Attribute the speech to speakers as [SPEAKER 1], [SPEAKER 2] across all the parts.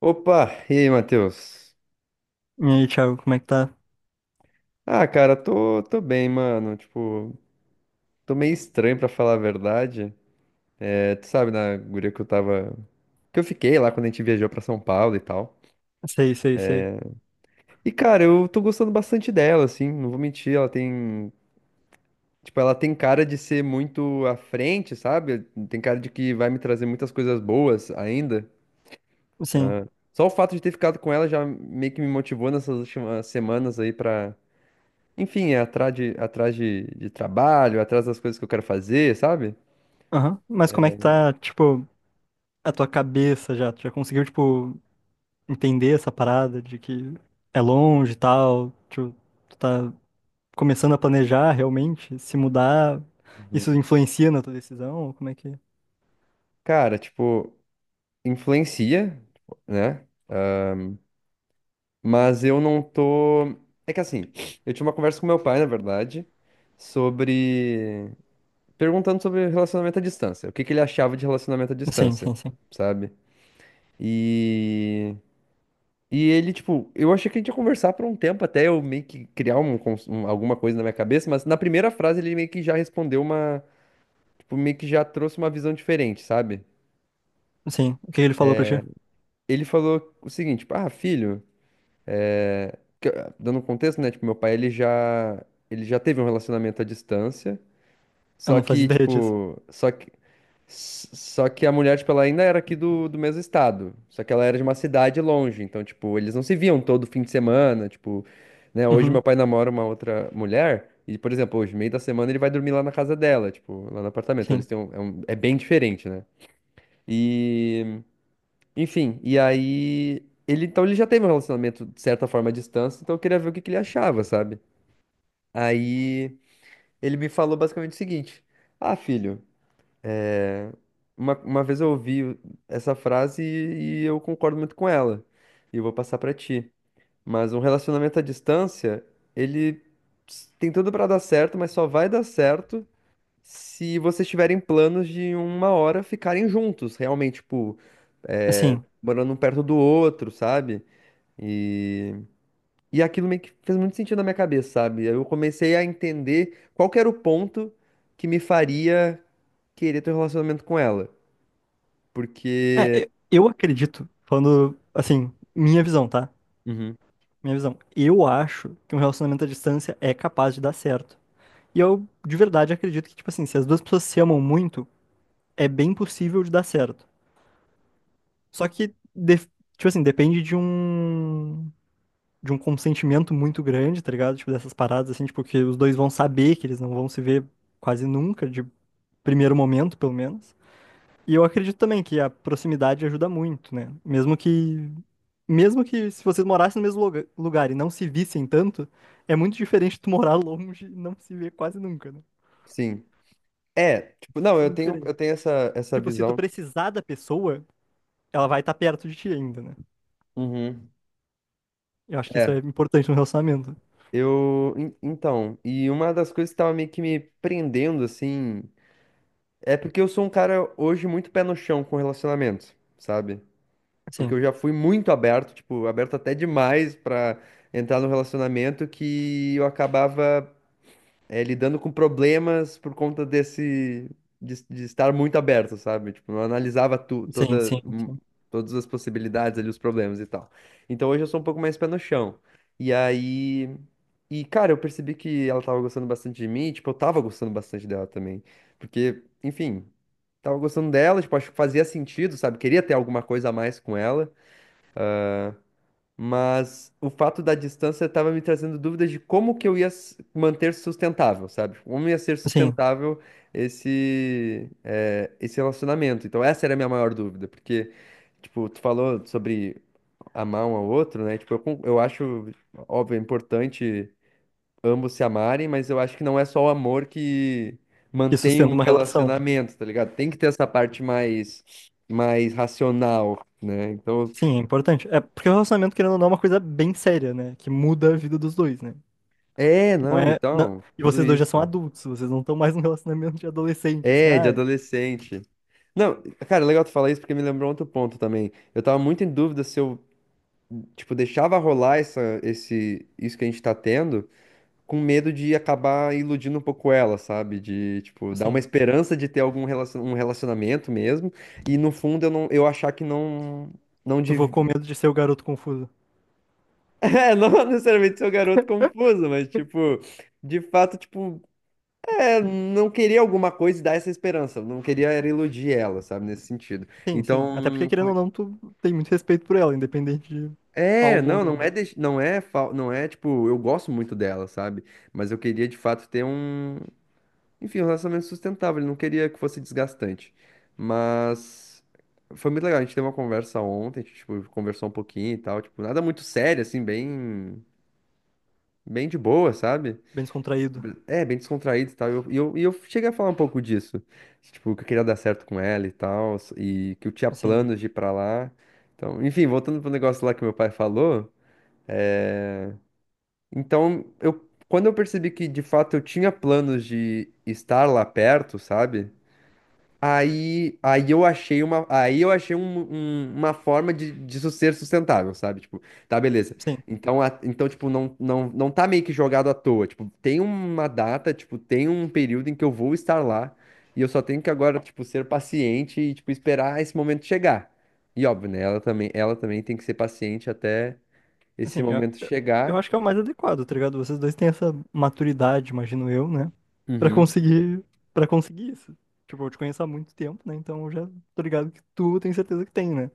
[SPEAKER 1] Opa, e aí, Matheus?
[SPEAKER 2] E aí, Thiago, como é que tá?
[SPEAKER 1] Ah, cara, tô bem, mano. Tipo, tô meio estranho pra falar a verdade. É, tu sabe, na guria que eu tava. Que eu fiquei lá quando a gente viajou pra São Paulo e tal.
[SPEAKER 2] Sei, sei, sei.
[SPEAKER 1] E, cara, eu tô gostando bastante dela, assim, não vou mentir, ela tem. Tipo, ela tem cara de ser muito à frente, sabe? Tem cara de que vai me trazer muitas coisas boas ainda.
[SPEAKER 2] Sim.
[SPEAKER 1] Só o fato de ter ficado com ela já meio que me motivou nessas últimas semanas aí pra enfim, é atrás de trabalho, atrás das coisas que eu quero fazer, sabe?
[SPEAKER 2] Aham. Mas como é que tá, tipo, a tua cabeça já? Tu já conseguiu, tipo, entender essa parada de que é longe e tal? Tipo, tu tá começando a planejar realmente? Se mudar,
[SPEAKER 1] Uhum.
[SPEAKER 2] isso influencia na tua decisão? Como é que.
[SPEAKER 1] Cara, tipo, influencia, né? Mas eu não tô. É que assim, eu tive uma conversa com meu pai, na verdade, sobre. Perguntando sobre relacionamento à distância. O que que ele achava de relacionamento à
[SPEAKER 2] Sim,
[SPEAKER 1] distância,
[SPEAKER 2] sim, sim.
[SPEAKER 1] sabe? E. E ele, tipo, eu achei que a gente ia conversar por um tempo até eu meio que criar um, alguma coisa na minha cabeça, mas na primeira frase ele meio que já respondeu uma tipo, meio que já trouxe uma visão diferente, sabe?
[SPEAKER 2] Sim. O que ele falou pra ti?
[SPEAKER 1] Ele falou o seguinte, tipo, ah, filho, que- dando um contexto, né? Tipo, meu pai, ele já teve um relacionamento à distância,
[SPEAKER 2] Eu
[SPEAKER 1] só
[SPEAKER 2] não fazia
[SPEAKER 1] que,
[SPEAKER 2] ideia disso.
[SPEAKER 1] tipo, só que, só que a mulher, tipo, ela ainda era aqui do mesmo estado, só que ela era de uma cidade longe, então, tipo, eles não se viam todo fim de semana, tipo, né? Hoje meu
[SPEAKER 2] Uhum.
[SPEAKER 1] pai namora uma outra mulher, e, por exemplo, hoje, meio da semana, ele vai dormir lá na casa dela, tipo, lá no apartamento, então eles
[SPEAKER 2] Sim.
[SPEAKER 1] têm um, é bem diferente, né? E... Enfim, e aí. Ele, então ele já teve um relacionamento, de certa forma, à distância, então eu queria ver o que que ele achava, sabe? Aí ele me falou basicamente o seguinte: ah, filho, é, uma vez eu ouvi essa frase e eu concordo muito com ela. E eu vou passar pra ti. Mas um relacionamento à distância, ele tem tudo pra dar certo, mas só vai dar certo se vocês tiverem planos de uma hora ficarem juntos, realmente, tipo, é,
[SPEAKER 2] Assim.
[SPEAKER 1] morando um perto do outro, sabe? E, e aquilo meio que fez muito sentido na minha cabeça, sabe? Eu comecei a entender qual que era o ponto que me faria querer ter um relacionamento com ela.
[SPEAKER 2] É,
[SPEAKER 1] Porque.
[SPEAKER 2] eu acredito, falando, assim, minha visão, tá?
[SPEAKER 1] Uhum,
[SPEAKER 2] Minha visão. Eu acho que um relacionamento à distância é capaz de dar certo. E eu, de verdade, acredito que, tipo assim, se as duas pessoas se amam muito, é bem possível de dar certo. Só que, de- tipo assim, depende de um. De um consentimento muito grande, tá ligado? Tipo, dessas paradas, assim, tipo, que os dois vão saber que eles não vão se ver quase nunca, de primeiro momento, pelo menos. E eu acredito também que a proximidade ajuda muito, né? Mesmo que se vocês morassem no mesmo lugar e não se vissem tanto, é muito diferente tu morar longe e não se ver quase nunca, né?
[SPEAKER 1] sim. É, tipo, não,
[SPEAKER 2] É
[SPEAKER 1] eu
[SPEAKER 2] muito
[SPEAKER 1] tenho,
[SPEAKER 2] diferente.
[SPEAKER 1] eu tenho essa, essa
[SPEAKER 2] Tipo, se tu
[SPEAKER 1] visão.
[SPEAKER 2] precisar da pessoa, ela vai estar perto de ti ainda, né?
[SPEAKER 1] Uhum.
[SPEAKER 2] Eu acho que isso
[SPEAKER 1] É,
[SPEAKER 2] é importante no relacionamento.
[SPEAKER 1] eu. Então, e uma das coisas que tava meio que me prendendo, assim, é porque eu sou um cara hoje muito pé no chão com relacionamentos, sabe? Porque
[SPEAKER 2] Sim,
[SPEAKER 1] eu já fui muito aberto, tipo, aberto até demais pra entrar no relacionamento que eu acabava lidando com problemas por conta desse de estar muito aberto, sabe? Tipo, não analisava tu,
[SPEAKER 2] sim,
[SPEAKER 1] toda,
[SPEAKER 2] sim, sim.
[SPEAKER 1] todas as possibilidades ali, os problemas e tal. Então hoje eu sou um pouco mais pé no chão. E aí. E, cara, eu percebi que ela tava gostando bastante de mim, e, tipo, eu tava gostando bastante dela também. Porque, enfim, tava gostando dela, tipo, acho que fazia sentido, sabe? Queria ter alguma coisa a mais com ela. Mas o fato da distância estava me trazendo dúvidas de como que eu ia manter sustentável, sabe? Como ia ser
[SPEAKER 2] Sim,
[SPEAKER 1] sustentável esse, esse relacionamento. Então, essa era a minha maior dúvida, porque, tipo, tu falou sobre amar um ao outro, né? Tipo, eu, eu acho, óbvio, é importante ambos se amarem, mas eu acho que não é só o amor que
[SPEAKER 2] que
[SPEAKER 1] mantém
[SPEAKER 2] sustenta
[SPEAKER 1] um
[SPEAKER 2] uma relação.
[SPEAKER 1] relacionamento, tá ligado? Tem que ter essa parte mais, mais racional, né? Então,
[SPEAKER 2] Sim, é importante. É porque o relacionamento, querendo ou não, é uma coisa bem séria, né? Que muda a vida dos dois, né?
[SPEAKER 1] é,
[SPEAKER 2] Não
[SPEAKER 1] não,
[SPEAKER 2] é.
[SPEAKER 1] então,
[SPEAKER 2] E
[SPEAKER 1] tudo
[SPEAKER 2] vocês dois já
[SPEAKER 1] isso.
[SPEAKER 2] são adultos, vocês não estão mais num relacionamento de adolescente, assim,
[SPEAKER 1] É, de
[SPEAKER 2] ah,
[SPEAKER 1] adolescente. Não, cara, é legal tu falar isso porque me lembrou outro ponto também. Eu tava muito em dúvida se eu, tipo, deixava rolar essa, esse, isso que a gente tá tendo, com medo de acabar iludindo um pouco ela, sabe? De, tipo, dar uma
[SPEAKER 2] assim,
[SPEAKER 1] esperança de ter algum relacion, um relacionamento mesmo, e no fundo eu não, eu achar que não, não
[SPEAKER 2] tu ficou
[SPEAKER 1] dev...
[SPEAKER 2] com medo de ser o garoto confuso.
[SPEAKER 1] É, não necessariamente ser o garoto confuso, mas, tipo, de fato, tipo. Não queria alguma coisa e dar essa esperança. Não queria era iludir ela, sabe, nesse sentido.
[SPEAKER 2] Sim, sim. Até porque,
[SPEAKER 1] Então,
[SPEAKER 2] querendo ou não, tu tem muito respeito por ela, independente de
[SPEAKER 1] é,
[SPEAKER 2] algo ou
[SPEAKER 1] não, não é,
[SPEAKER 2] não.
[SPEAKER 1] deix- não é, fal- não é tipo, eu gosto muito dela, sabe? Mas eu queria de fato ter um, enfim, um relacionamento sustentável. Eu não queria que fosse desgastante. Mas foi muito legal. A gente teve uma conversa ontem, a gente, tipo, conversou um pouquinho e tal, tipo, nada muito sério, assim, bem, bem de boa, sabe?
[SPEAKER 2] Bem descontraído.
[SPEAKER 1] É, bem descontraído e tal. E eu cheguei a falar um pouco disso. Tipo, que eu queria dar certo com ela e tal. E que eu tinha
[SPEAKER 2] Assim,
[SPEAKER 1] planos de ir pra lá. Então, enfim, voltando pro negócio lá que meu pai falou. Então, eu, quando eu percebi que de fato eu tinha planos de estar lá perto, sabe? Aí eu achei uma, aí eu achei uma forma de, disso ser sustentável, sabe? Tipo, tá, beleza.
[SPEAKER 2] sim.
[SPEAKER 1] Então, então tipo, não tá meio que jogado à toa. Tipo, tem uma data, tipo, tem um período em que eu vou estar lá e eu só tenho que agora, tipo, ser paciente e, tipo, esperar esse momento chegar. E óbvio, né? Ela também tem que ser paciente até esse
[SPEAKER 2] Assim,
[SPEAKER 1] momento
[SPEAKER 2] eu
[SPEAKER 1] chegar.
[SPEAKER 2] acho que é o mais adequado, tá ligado? Vocês dois têm essa maturidade, imagino eu, né? Pra
[SPEAKER 1] Uhum.
[SPEAKER 2] conseguir. Pra conseguir isso. Tipo, eu te conheço há muito tempo, né? Então eu já tô ligado que tu tem certeza que tem, né?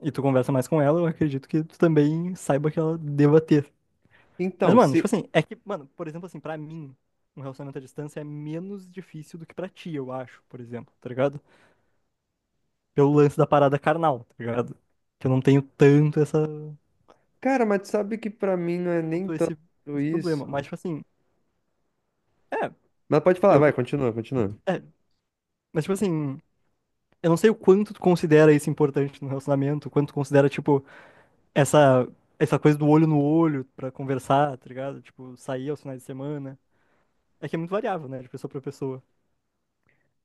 [SPEAKER 2] E tu conversa mais com ela, eu acredito que tu também saiba que ela deva ter. Mas,
[SPEAKER 1] Então,
[SPEAKER 2] mano, tipo
[SPEAKER 1] se...
[SPEAKER 2] assim, é que, mano, por exemplo, assim, pra mim, um relacionamento à distância é menos difícil do que pra ti, eu acho, por exemplo, tá ligado? Pelo lance da parada carnal, tá ligado? Que eu não tenho tanto essa,
[SPEAKER 1] Cara, mas tu sabe que pra mim não é nem
[SPEAKER 2] tanto
[SPEAKER 1] tanto
[SPEAKER 2] esse, esse problema. Mas,
[SPEAKER 1] isso.
[SPEAKER 2] tipo assim, é,
[SPEAKER 1] Mas pode falar,
[SPEAKER 2] eu,
[SPEAKER 1] vai, continua, continua.
[SPEAKER 2] é, mas, tipo assim, eu não sei o quanto tu considera isso importante no relacionamento, o quanto tu considera, tipo, essa, essa coisa do olho no olho pra conversar, tá ligado? Tipo, sair aos finais de semana. É que é muito variável, né, de pessoa pra pessoa.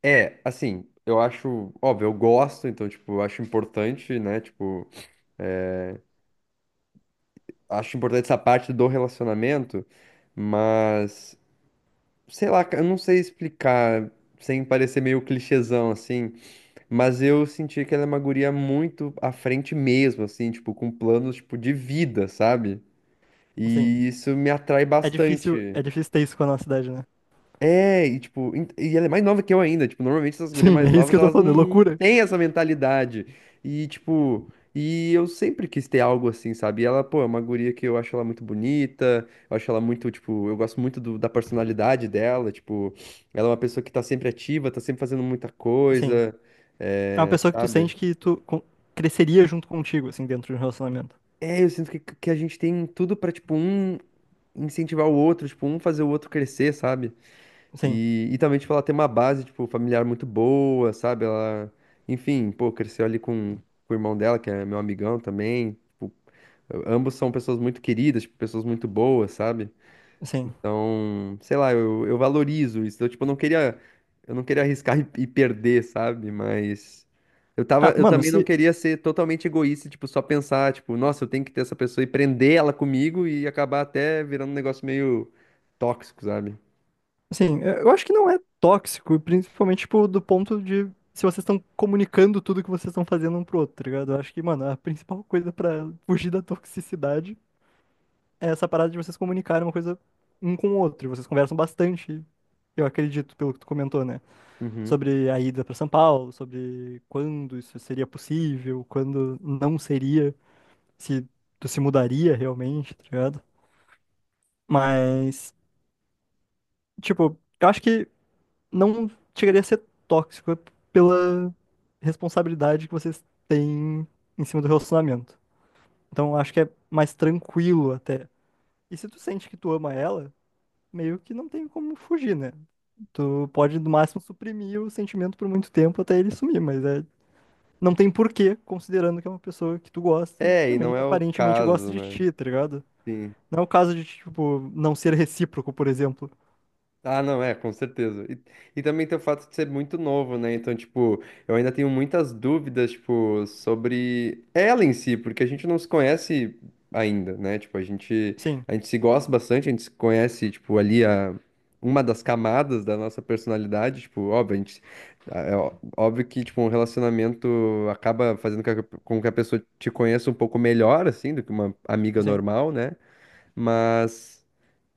[SPEAKER 1] É, assim, eu acho, óbvio, eu gosto, então, tipo, eu acho importante, né? Tipo, acho importante essa parte do relacionamento, mas, sei lá, eu não sei explicar, sem parecer meio clichêzão, assim, mas eu senti que ela é uma guria muito à frente mesmo, assim, tipo, com planos, tipo, de vida, sabe?
[SPEAKER 2] Assim,
[SPEAKER 1] E isso me atrai bastante.
[SPEAKER 2] é difícil ter isso com a nossa idade, né?
[SPEAKER 1] É, e tipo, e ela é mais nova que eu ainda, tipo, normalmente essas mulheres
[SPEAKER 2] Sim,
[SPEAKER 1] mais
[SPEAKER 2] é isso que
[SPEAKER 1] novas,
[SPEAKER 2] eu tô
[SPEAKER 1] elas
[SPEAKER 2] falando, é
[SPEAKER 1] não
[SPEAKER 2] loucura.
[SPEAKER 1] têm essa mentalidade. E tipo, e eu sempre quis ter algo assim, sabe? E ela, pô, é uma guria que eu acho ela muito bonita, eu acho ela muito, tipo, eu gosto muito da personalidade dela, tipo, ela é uma pessoa que tá sempre ativa, tá sempre fazendo muita
[SPEAKER 2] Assim,
[SPEAKER 1] coisa,
[SPEAKER 2] é uma
[SPEAKER 1] é,
[SPEAKER 2] pessoa que tu
[SPEAKER 1] sabe?
[SPEAKER 2] sente que tu con- cresceria junto contigo, assim, dentro de um relacionamento.
[SPEAKER 1] É, eu sinto que a gente tem tudo pra, tipo, um incentivar o outro, tipo, um fazer o outro crescer, sabe?
[SPEAKER 2] Sim,
[SPEAKER 1] E também, tipo, ela tem uma base, tipo, familiar muito boa, sabe? Ela, enfim, pô, cresceu ali com o irmão dela, que é meu amigão também. Tipo, ambos são pessoas muito queridas, tipo, pessoas muito boas, sabe?
[SPEAKER 2] sim.
[SPEAKER 1] Então, sei lá, eu valorizo isso. Eu, tipo, não queria, eu não queria arriscar e perder, sabe? Mas eu tava,
[SPEAKER 2] Ah,
[SPEAKER 1] eu
[SPEAKER 2] mano,
[SPEAKER 1] também não
[SPEAKER 2] se.
[SPEAKER 1] queria ser totalmente egoísta, tipo, só pensar, tipo, nossa, eu tenho que ter essa pessoa e prender ela comigo e acabar até virando um negócio meio tóxico, sabe?
[SPEAKER 2] Sim, eu acho que não é tóxico, principalmente, tipo, do ponto de se vocês estão comunicando tudo que vocês estão fazendo um pro outro, tá ligado? Eu acho que, mano, a principal coisa pra fugir da toxicidade é essa parada de vocês comunicarem uma coisa um com o outro. Vocês conversam bastante, eu acredito, pelo que tu comentou, né?
[SPEAKER 1] Uhum.
[SPEAKER 2] Sobre a ida para São Paulo, sobre quando isso seria possível, quando não seria, se tu se mudaria realmente, tá ligado? Mas, tipo, eu acho que não chegaria a ser tóxico é pela responsabilidade que vocês têm em cima do relacionamento. Então, eu acho que é mais tranquilo até. E se tu sente que tu ama ela, meio que não tem como fugir, né? Tu pode, no máximo, suprimir o sentimento por muito tempo até ele sumir, mas é não tem porquê, considerando que é uma pessoa que tu gosta e que
[SPEAKER 1] É, e
[SPEAKER 2] também
[SPEAKER 1] não é o
[SPEAKER 2] aparentemente gosta
[SPEAKER 1] caso,
[SPEAKER 2] de
[SPEAKER 1] né?
[SPEAKER 2] ti, tá ligado?
[SPEAKER 1] Sim.
[SPEAKER 2] Não é o caso de, tipo, não ser recíproco, por exemplo.
[SPEAKER 1] Ah, não, é, com certeza. E também tem o fato de ser muito novo, né? Então, tipo, eu ainda tenho muitas dúvidas, tipo, sobre ela em si, porque a gente não se conhece ainda, né? Tipo,
[SPEAKER 2] Sim,
[SPEAKER 1] a gente se gosta bastante, a gente se conhece, tipo, ali a, uma das camadas da nossa personalidade, tipo, óbvio, a gente, é ó- óbvio que, tipo, um relacionamento acaba fazendo com que a pessoa te conheça um pouco melhor, assim, do que uma amiga
[SPEAKER 2] sim,
[SPEAKER 1] normal, né? Mas.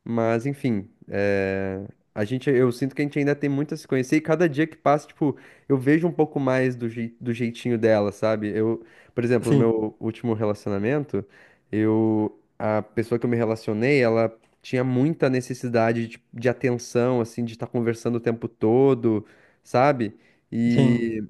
[SPEAKER 1] Mas, enfim, a gente, eu sinto que a gente ainda tem muito a se conhecer e cada dia que passa, tipo, eu vejo um pouco mais do, do jeitinho dela, sabe? Eu, por exemplo, no
[SPEAKER 2] sim,
[SPEAKER 1] meu último relacionamento, eu, a pessoa que eu me relacionei, ela tinha muita necessidade de atenção, assim, de estar conversando o tempo todo, sabe?
[SPEAKER 2] sim.
[SPEAKER 1] E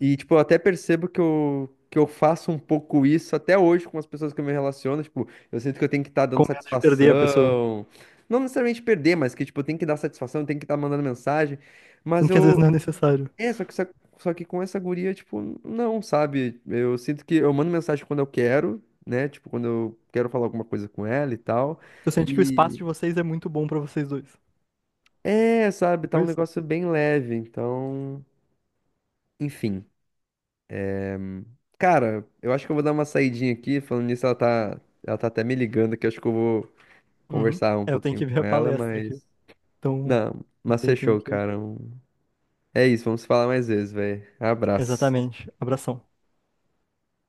[SPEAKER 1] tipo, eu até percebo que eu faço um pouco isso até hoje com as pessoas que eu me relaciono. Tipo, eu sinto que eu tenho que estar dando
[SPEAKER 2] Com medo de perder a pessoa.
[SPEAKER 1] satisfação. Não necessariamente perder, mas que, tipo, eu tenho que dar satisfação, eu tenho que estar mandando mensagem. Mas
[SPEAKER 2] Sendo que às vezes
[SPEAKER 1] eu.
[SPEAKER 2] não é necessário.
[SPEAKER 1] É, só que, só que com essa guria, tipo, não, sabe? Eu sinto que eu mando mensagem quando eu quero, né? Tipo, quando eu quero falar alguma coisa com ela e tal.
[SPEAKER 2] Tu sente que o espaço
[SPEAKER 1] E.
[SPEAKER 2] de vocês é muito bom pra vocês dois.
[SPEAKER 1] É, sabe? Tá
[SPEAKER 2] Tipo
[SPEAKER 1] um
[SPEAKER 2] isso?
[SPEAKER 1] negócio bem leve. Então, enfim. Cara, eu acho que eu vou dar uma saidinha aqui. Falando nisso, ela tá até me ligando aqui. Acho que eu vou
[SPEAKER 2] Uhum.
[SPEAKER 1] conversar um
[SPEAKER 2] É, eu tenho
[SPEAKER 1] pouquinho
[SPEAKER 2] que ver
[SPEAKER 1] com
[SPEAKER 2] a
[SPEAKER 1] ela,
[SPEAKER 2] palestra aqui.
[SPEAKER 1] mas.
[SPEAKER 2] Então,
[SPEAKER 1] Não, mas
[SPEAKER 2] também tenho
[SPEAKER 1] fechou,
[SPEAKER 2] que.
[SPEAKER 1] cara. Um- é isso, vamos se falar mais vezes, velho. Abraço.
[SPEAKER 2] Exatamente. Abração.